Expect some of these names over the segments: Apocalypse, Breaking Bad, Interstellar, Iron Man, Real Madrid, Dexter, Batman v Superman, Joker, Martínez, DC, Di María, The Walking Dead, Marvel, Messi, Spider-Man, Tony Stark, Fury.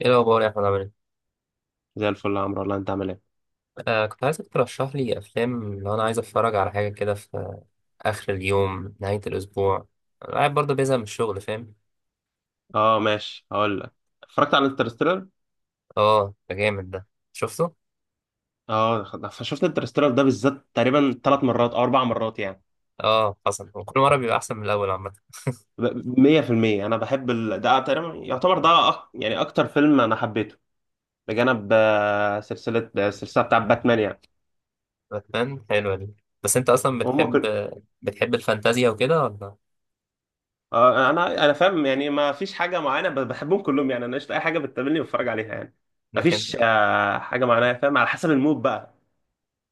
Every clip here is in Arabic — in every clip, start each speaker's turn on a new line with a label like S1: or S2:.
S1: ايه الاخبار يا احمد، عامل ايه؟
S2: زي الفل يا عمرو والله انت عامل ايه؟
S1: كنت عايزك ترشح لي افلام لو انا عايز اتفرج على حاجه كده في اخر اليوم، نهايه الاسبوع. أنا قاعد برضه بيزهق من الشغل، فاهم؟
S2: اه ماشي، هقول لك. اتفرجت على انترستيلر.
S1: اه، ده جامد ده، شفته؟
S2: اه، شفت انترستيلر ده بالذات تقريبا ثلاث مرات او اربع مرات يعني.
S1: اه، حصل. وكل مره بيبقى احسن من الاول عامه.
S2: 100% انا بحب ده تقريبا يعتبر ده يعني اكتر فيلم انا حبيته، بجانب سلسله آه، السلسله بتاع باتمان يعني.
S1: باتمان حلوه دي. بس انت اصلا
S2: هم
S1: بتحب
S2: كل
S1: بتحب الفانتازيا وكده ولا؟
S2: آه، انا فاهم يعني، ما فيش حاجه معينه، بحبهم كلهم يعني. انا قشطه اي حاجه بتقابلني بتفرج عليها يعني. ما
S1: لكن.
S2: فيش حاجه معينه، فاهم؟ على حسب المود بقى.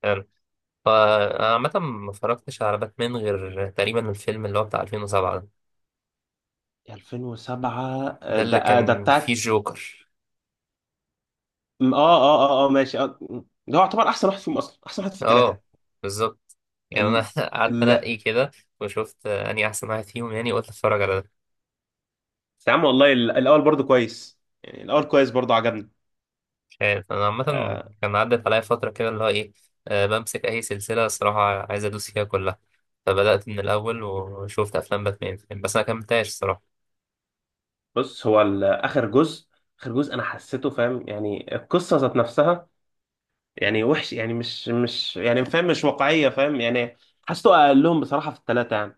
S1: حلو. فانا عامه ما اتفرجتش على باتمان غير تقريبا الفيلم اللي هو بتاع 2007 ده.
S2: 2007
S1: ده اللي
S2: ده
S1: كان فيه
S2: بتاع
S1: جوكر.
S2: اه، اه، اه، اه، ماشي. ده هو يعتبر احسن واحد فيهم، اصلا احسن واحد في
S1: اه،
S2: الثلاثه.
S1: بالظبط. يعني انا
S2: ال...
S1: قعدت
S2: ال...
S1: انقي كده، وشفت اني احسن واحد فيهم، يعني قلت اتفرج على ده.
S2: بس يا عم والله الاول برضو كويس يعني. الاول كويس برضو، عجبني.
S1: مش عارف، انا عامه
S2: آه
S1: كان عدت عليا فتره كده اللي هو ايه، بمسك اي سلسله الصراحه، عايز ادوس فيها كلها. فبدات من الاول وشفت افلام باتمان يعني، بس انا كملتهاش الصراحه.
S2: بص، هو اخر جزء، اخر جزء انا حسيته فاهم يعني، القصه ذات نفسها يعني وحش يعني، مش يعني، فاهم مش واقعيه، فاهم يعني. حسيته اقلهم بصراحه في الثلاثه يعني.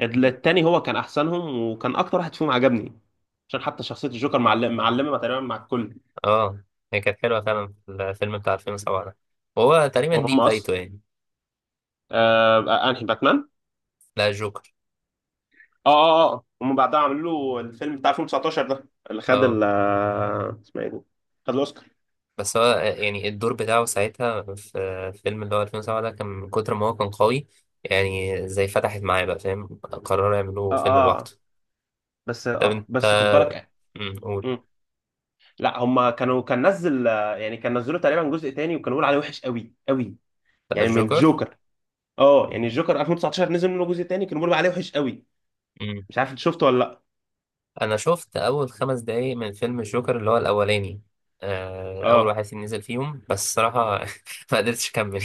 S2: التاني هو كان احسنهم وكان اكتر واحد فيهم عجبني، عشان حتى شخصيه الجوكر معلمه، معلمه تقريبا مع الكل.
S1: اه، هي كانت حلوه فعلا الفيلم بتاع 2007 ده، وهو تقريبا دي
S2: وهم اصلا
S1: بدايته يعني.
S2: آه انهي باتمان؟
S1: لا، جوكر.
S2: اه، اه، اه، هم بعدها عملوا له الفيلم بتاع 2019 ده اللي خد
S1: اه،
S2: ال اسمها ايه دي؟ خد الاوسكار.
S1: بس هو يعني الدور بتاعه ساعتها في فيلم اللي هو 2007 ده كان من كتر ما هو كان قوي، يعني زي فتحت معايا بقى فاهم، قرروا
S2: اه،
S1: يعملوا فيلم
S2: اه
S1: لوحده.
S2: آه. بس
S1: طب
S2: اه بس
S1: انت،
S2: خد بالك.
S1: قول.
S2: مم. لا، هم كانوا، كان نزل آه، يعني كان نزلوا تقريبا جزء تاني، وكانوا بيقولوا عليه وحش قوي قوي،
S1: بقى
S2: يعني من
S1: الجوكر.
S2: الجوكر. اه، يعني الجوكر 2019 نزل منه جزء تاني، كانوا بيقولوا عليه وحش قوي.
S1: أمم.
S2: مش عارف انت شفته ولا لا.
S1: انا شفت اول 5 دقايق من فيلم الجوكر اللي هو الاولاني، اول
S2: اه
S1: واحد فيهم نزل فيهم بس الصراحه. ما قدرتش اكمل.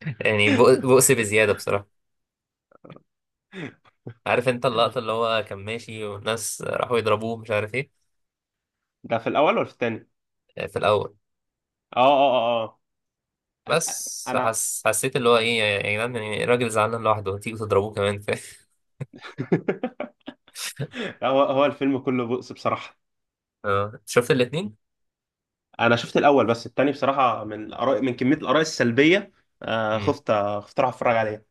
S1: يعني بؤس بزياده بصراحه. عارف انت اللقطه اللي هو كان ماشي والناس راحوا يضربوه، مش عارف ايه؟
S2: ده في الاول ولا في التاني؟
S1: آه، في الاول.
S2: اه، اه، اه، اه. انا
S1: بس حسيت اللي هو ايه، يا جدعان يعني، الراجل زعلان لوحده تيجوا تضربوه كمان، فاهم؟
S2: هو الفيلم كله بؤس بصراحة.
S1: اه شفت الاتنين؟
S2: انا شفت الاول، بس التاني بصراحه من الاراء، من كميه الاراء السلبيه،
S1: مم.
S2: خفت اروح اتفرج عليه،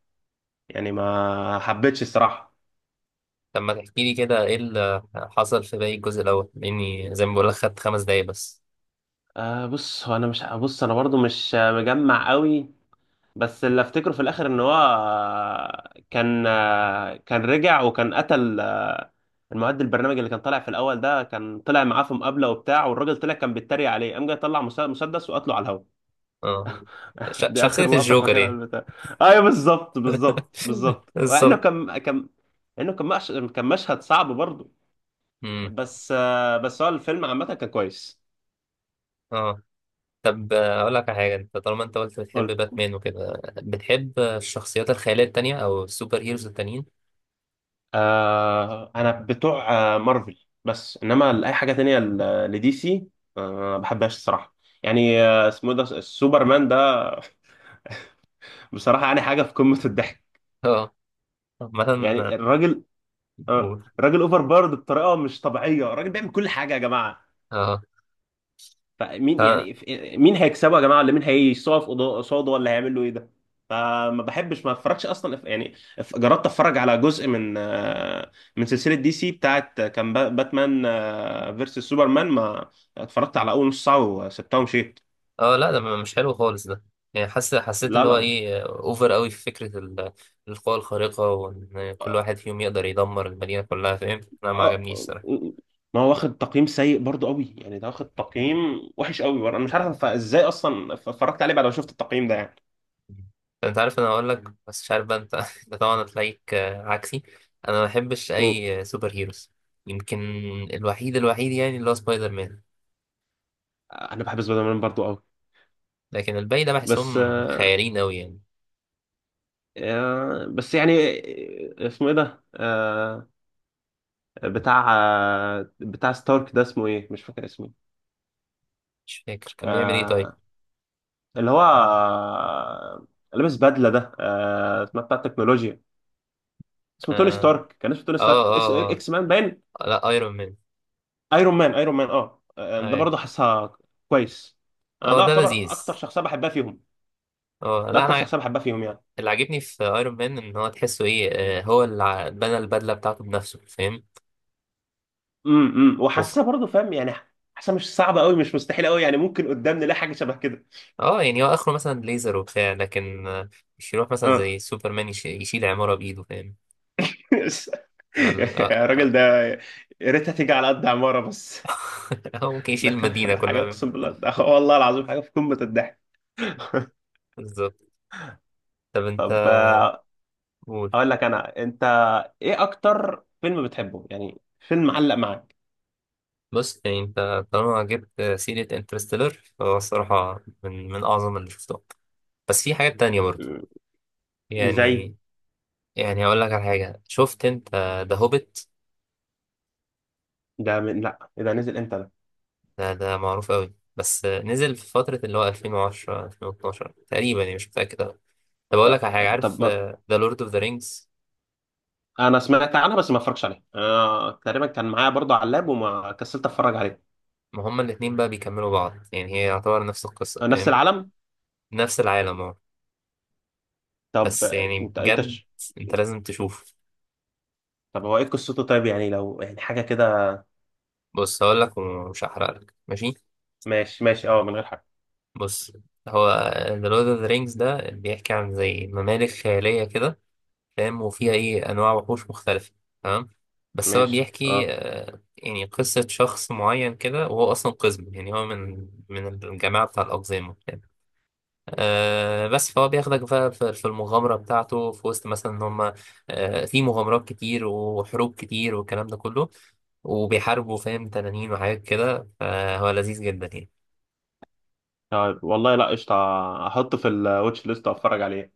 S2: يعني ما حبيتش الصراحه.
S1: طب ما تحكي لي كده ايه اللي حصل في باقي الجزء الاول، لاني زي ما بقول لك خدت 5 دقايق بس.
S2: بص، هو انا برضو مش مجمع قوي، بس اللي افتكره في الاخر ان هو، كان رجع وكان قتل البرنامج اللي كان طالع في الاول ده، كان طلع معاه في مقابله وبتاع، والراجل طلع كان بيتريق عليه، قام جاي طلع مسدس وقتله على الهوا.
S1: اه،
S2: دي
S1: شخصية
S2: اخر لقطه
S1: الجوكر
S2: فاكرها
S1: يعني.
S2: من البتاع. ايوه، بالظبط، بالظبط، بالظبط، لانه
S1: بالظبط.
S2: كان كان لانه كان مش... كان مشهد صعب برضه.
S1: مم.
S2: بس هو الفيلم عامه كان كويس.
S1: اه. طب، اقول لك على حاجة. انت طالما انت قلت بتحب
S2: قول.
S1: باتمان وكده، بتحب الشخصيات الخيالية التانية او السوبر هيروز التانيين؟
S2: انا بتوع مارفل، بس انما لاي حاجه تانية لدي سي، آه ما بحبهاش الصراحه. يعني اسمه إيه ده، السوبرمان ده؟ بصراحه يعني حاجه في قمه الضحك.
S1: اه، عامة.
S2: يعني
S1: آه.
S2: الراجل،
S1: قول.
S2: الراجل اوفر بارد بطريقه مش طبيعيه، الراجل بيعمل كل حاجه يا جماعه،
S1: اه،
S2: فمين يعني، مين هيكسبه يا جماعه؟ ولا مين هيقف قصاده؟ ولا هيعمل له ايه ده؟ فما بحبش، ما اتفرجش اصلا، جربت اتفرج على جزء من من سلسله دي سي بتاعت، باتمان فيرسس سوبرمان، ما اتفرجت على اول نص ساعه وسبتها ومشيت.
S1: اه. لا، ده مش حلو خالص ده. يعني حاسس حسيت
S2: لا،
S1: اللي
S2: لا،
S1: هو
S2: لا.
S1: ايه، اوفر قوي في فكرة القوى الخارقة، وان كل واحد فيهم يقدر يدمر المدينة كلها، فاهم؟ انا ما
S2: آه،
S1: عجبنيش صراحة.
S2: آه، ما هو واخد تقييم سيء برضو قوي يعني، ده واخد تقييم وحش قوي برضه. انا مش عارف ازاي اصلا اتفرجت عليه بعد ما شفت التقييم ده يعني.
S1: انت عارف، انا هقول لك بس مش عارف بقى انت انت طبعا هتلاقيك عكسي. انا ما بحبش
S2: أوه.
S1: اي سوبر هيروز. يمكن الوحيد الوحيد يعني اللي هو سبايدر مان.
S2: انا بحب سبايدر مان برضو قوي.
S1: لكن الباقي ده
S2: بس
S1: بحسهم خيالين قوي يعني.
S2: آه، بس يعني اسمه ايه ده، بتاع ستارك ده؟ اسمه ايه؟ مش فاكر اسمه.
S1: مش فاكر كان بيعمل ايه طيب.
S2: آه، اللي هو آه، لابس بدله ده، اسمها بتاع التكنولوجيا. اسمه توني
S1: اه،
S2: ستارك، كان اسمه توني ستارك
S1: اه، اه,
S2: اس اكس مان باين.
S1: آه. لا، ايرون مان.
S2: ايرون مان، ايرون مان، اه، ده
S1: اه.
S2: برضه حاسها كويس. انا ده
S1: ده
S2: يعتبر اكتر
S1: لذيذ.
S2: شخصيه بحبها فيهم،
S1: اه.
S2: ده
S1: لا
S2: اكتر
S1: انا.
S2: شخصيه بحبها فيهم يعني.
S1: اللي عاجبني في ايرون مان ان هو تحسه ايه، هو اللي بنى البدله بتاعته بنفسه، فاهم؟
S2: امم،
S1: وف...
S2: وحاسسها برضه، فاهم يعني، حاسسها مش صعبه قوي، مش مستحيله قوي، يعني ممكن قدام نلاقي حاجه شبه كده.
S1: اه، يعني هو اخره مثلا ليزر وبتاع، لكن مش يروح مثلا
S2: اه،
S1: زي سوبرمان يشيل عماره بايده، فاهم؟ ال- آه، آه،
S2: الراجل ده يا ريتها تيجي على قد عمارة بس.
S1: هو ممكن
S2: ده
S1: يشيل
S2: كان
S1: المدينه
S2: ده حاجة،
S1: كلها.
S2: أقسم بالله ده، والله العظيم حاجة في قمة الضحك.
S1: بالظبط. طب انت،
S2: طب
S1: قول.
S2: أقول لك أنا. إيه أكتر فيلم بتحبه، يعني فيلم معلق معاك؟
S1: بص يعني انت طالما جبت سيره انترستيلر فهو الصراحه من اعظم اللي شفتهم. بس في حاجات تانية برضه
S2: م- زي،
S1: يعني. يعني هقول لك على حاجه، شفت انت ذا هوبيت؟
S2: ده من، لا إيه ده، نزل إمتى ده؟
S1: ده معروف قوي، بس نزل في فترة اللي هو 2010 2012 تقريبا يعني، مش متأكد أوي. طب أقول
S2: طب,
S1: لك على حاجة،
S2: طب
S1: عارف
S2: ما...
S1: ذا لورد اوف ذا رينجز؟
S2: أنا سمعت عنها بس ما اتفرجش عليها. أنا تقريبا كان معايا برضه على اللاب وما كسلت أتفرج عليه.
S1: ما هما الاتنين بقى بيكملوا بعض يعني، هي يعتبر نفس القصة
S2: نفس
S1: فاهم.
S2: العالم.
S1: نفس العالم، اه.
S2: طب
S1: بس يعني
S2: أنت
S1: بجد أنت لازم تشوف.
S2: طب هو إيه قصته طيب، يعني لو يعني حاجة كده؟
S1: بص هقول لك ومش هحرق لك، ماشي؟
S2: ماشي، ماشي، أه، من غير حاجة.
S1: بص، هو ذا لورد اوف ذا رينجز ده بيحكي عن زي ممالك خيالية كده فاهم، وفيها ايه انواع وحوش مختلفه، تمام. بس هو
S2: ماشي،
S1: بيحكي
S2: اه.
S1: يعني قصه شخص معين كده، وهو اصلا قزم، يعني هو من الجماعه بتاع الاقزام وبتاع. بس فهو بياخدك بقى في المغامره بتاعته، في وسط مثلا ان هم في مغامرات كتير وحروب كتير والكلام ده كله، وبيحاربوا فاهم تنانين وحاجات كده، فهو لذيذ جدا يعني.
S2: طيب والله، لا قشطة، احطه في الواتش ليست واتفرج عليه.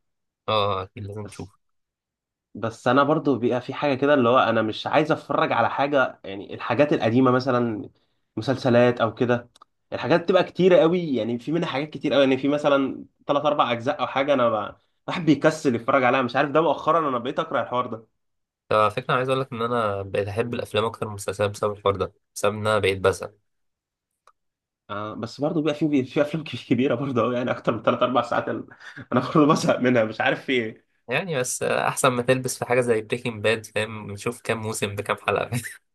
S1: اه، اكيد لازم
S2: بس
S1: تشوفه.
S2: بس انا برضو بيبقى في حاجة كده اللي هو، انا مش عايز اتفرج على حاجة يعني، الحاجات القديمة مثلا، مسلسلات او كده، الحاجات بتبقى كتيرة قوي يعني، في منها حاجات كتير قوي يعني، في مثلا ثلاث اربع اجزاء او حاجة، الواحد بيكسل يتفرج عليها. مش عارف، ده مؤخرا انا بقيت اكره الحوار ده.
S1: ففكرة عايز اقول لك ان انا بقيت احب الافلام اكتر من المسلسلات بسبب الحوار ده، بسبب ان انا بقيت بزهق.
S2: بس برضه بيبقى في افلام كبيره برضه قوي، يعني اكتر من ثلاث اربع ساعات، انا برضه بزهق منها. مش عارف في ايه.
S1: يعني بس احسن ما تلبس في حاجه زي بريكنج باد فاهم، نشوف كام موسم بكام حلقه.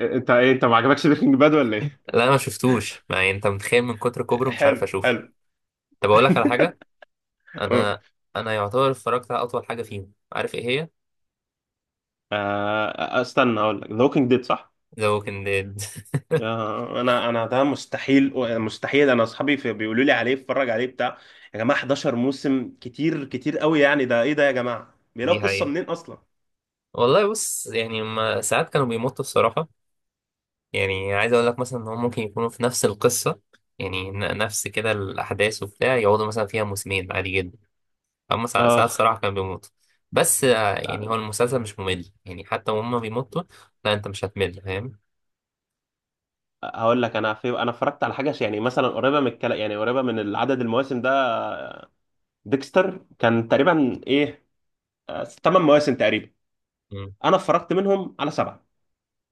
S2: انت ما عجبكش بريكنج باد ولا ايه؟
S1: لا انا ما شفتوش، ما يعني انت متخيل من كتر كبره مش عارف
S2: حلو،
S1: اشوف.
S2: حلو.
S1: طب اقول لك على حاجه. انا انا يعتبر اتفرجت على اطول حاجه فيهم، عارف ايه هي؟
S2: استنى اقول لك، ذا ووكينج ديد، صح؟
S1: ذا ووكينج ديد.
S2: انا ده مستحيل، مستحيل. انا اصحابي بيقولوا لي عليه اتفرج عليه بتاع يا جماعه 11 موسم، كتير، كتير قوي يعني. ده ايه ده يا جماعه؟
S1: دي
S2: بيلاقوا قصه
S1: حقيقة.
S2: منين اصلا؟
S1: والله بص يعني ما ساعات كانوا بيمطوا الصراحه. يعني عايز اقول لك مثلا ان هم ممكن يكونوا في نفس القصه، يعني نفس كده الاحداث وبتاع، يقعدوا مثلا فيها موسمين عادي جدا. اما ساعات
S2: اه،
S1: الصراحه كان بيموت. بس يعني
S2: لا،
S1: هو المسلسل مش ممل يعني، حتى وهم بيموتوا. لا، انت مش هتمل فاهم.
S2: هقول لك. انا اتفرجت على حاجه يعني مثلا قريبه من الكلام، يعني قريبه من عدد المواسم ده. ديكستر، كان تقريبا ايه، 8 مواسم تقريبا.
S1: مم.
S2: انا اتفرجت منهم على سبعه،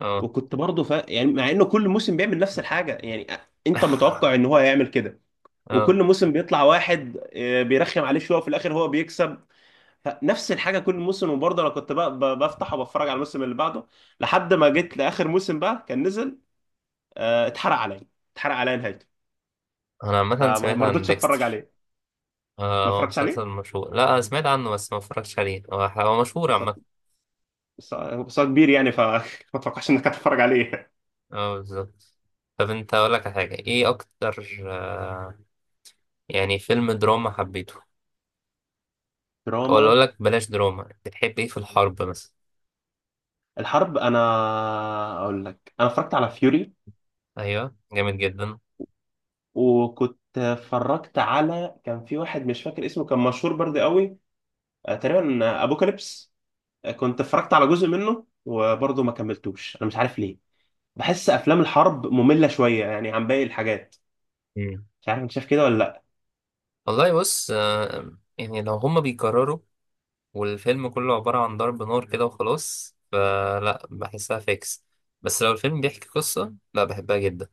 S1: اه.
S2: وكنت برضه يعني، مع انه كل موسم بيعمل نفس الحاجه يعني، انت متوقع ان هو هيعمل كده،
S1: اه.
S2: وكل موسم بيطلع واحد بيرخم عليه شويه، وفي الاخر هو بيكسب. فنفس الحاجه كل موسم، وبرضه انا كنت بقى، بفتح وبتفرج على الموسم اللي بعده، لحد ما جيت لاخر موسم بقى كان نزل، اتحرق عليا، اتحرق عليا نهايته،
S1: انا عامه
S2: فما
S1: سمعت
S2: ما
S1: عن
S2: رضيتش اتفرج
S1: ديكستر.
S2: عليه.
S1: آه،
S2: ما
S1: هو
S2: اتفرجش
S1: مسلسل
S2: عليه.
S1: مشهور. لا أنا سمعت عنه بس ما اتفرجتش عليه. هو هو مشهور
S2: بس
S1: عامه.
S2: بس هو كبير يعني، فما اتوقعش انك هتتفرج عليه.
S1: اه، بالظبط. طب انت، اقول لك على حاجه، ايه اكتر يعني فيلم دراما حبيته؟
S2: دراما.
S1: ولا اقول لك بلاش دراما، بتحب ايه في الحرب مثلا؟
S2: الحرب، انا اقول لك، انا اتفرجت على فيوري.
S1: ايوه، جامد جدا.
S2: وكنت اتفرجت على، كان في واحد مش فاكر اسمه، كان مشهور برضه قوي، تقريبا ابوكاليبس. كنت اتفرجت على جزء منه وبرضه ما كملتوش، انا مش عارف ليه. بحس افلام الحرب مملة شوية يعني عن باقي الحاجات.
S1: مم.
S2: مش عارف انت شايف كده ولا لا.
S1: والله بص يعني لو هما بيكرروا والفيلم كله عبارة عن ضرب نار كده وخلاص، فلا بحسها فيكس. بس لو الفيلم بيحكي قصة لا بحبها جدا.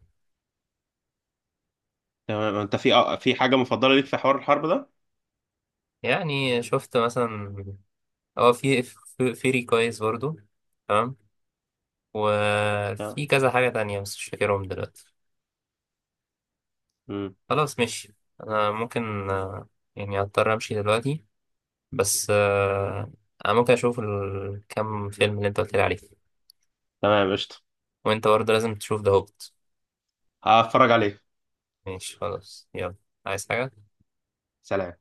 S2: تمام. انت في في حاجة مفضلة ليك في حوار الحرب ده؟
S1: يعني شفت مثلا. اه، في فيري كويس برضو، تمام.
S2: تمام.
S1: وفي كذا حاجة تانية بس مش فاكرهم دلوقتي.
S2: مم.
S1: خلاص، ماشي. أنا ممكن، يعني أضطر أمشي دلوقتي. بس أنا ممكن أشوف الكام فيلم اللي أنت قلت لي عليه.
S2: تمام، قشطة.
S1: وأنت برضه لازم تشوف ده هوبت.
S2: هتفرج عليه.
S1: ماشي خلاص يلا. عايز حاجة؟
S2: سلام.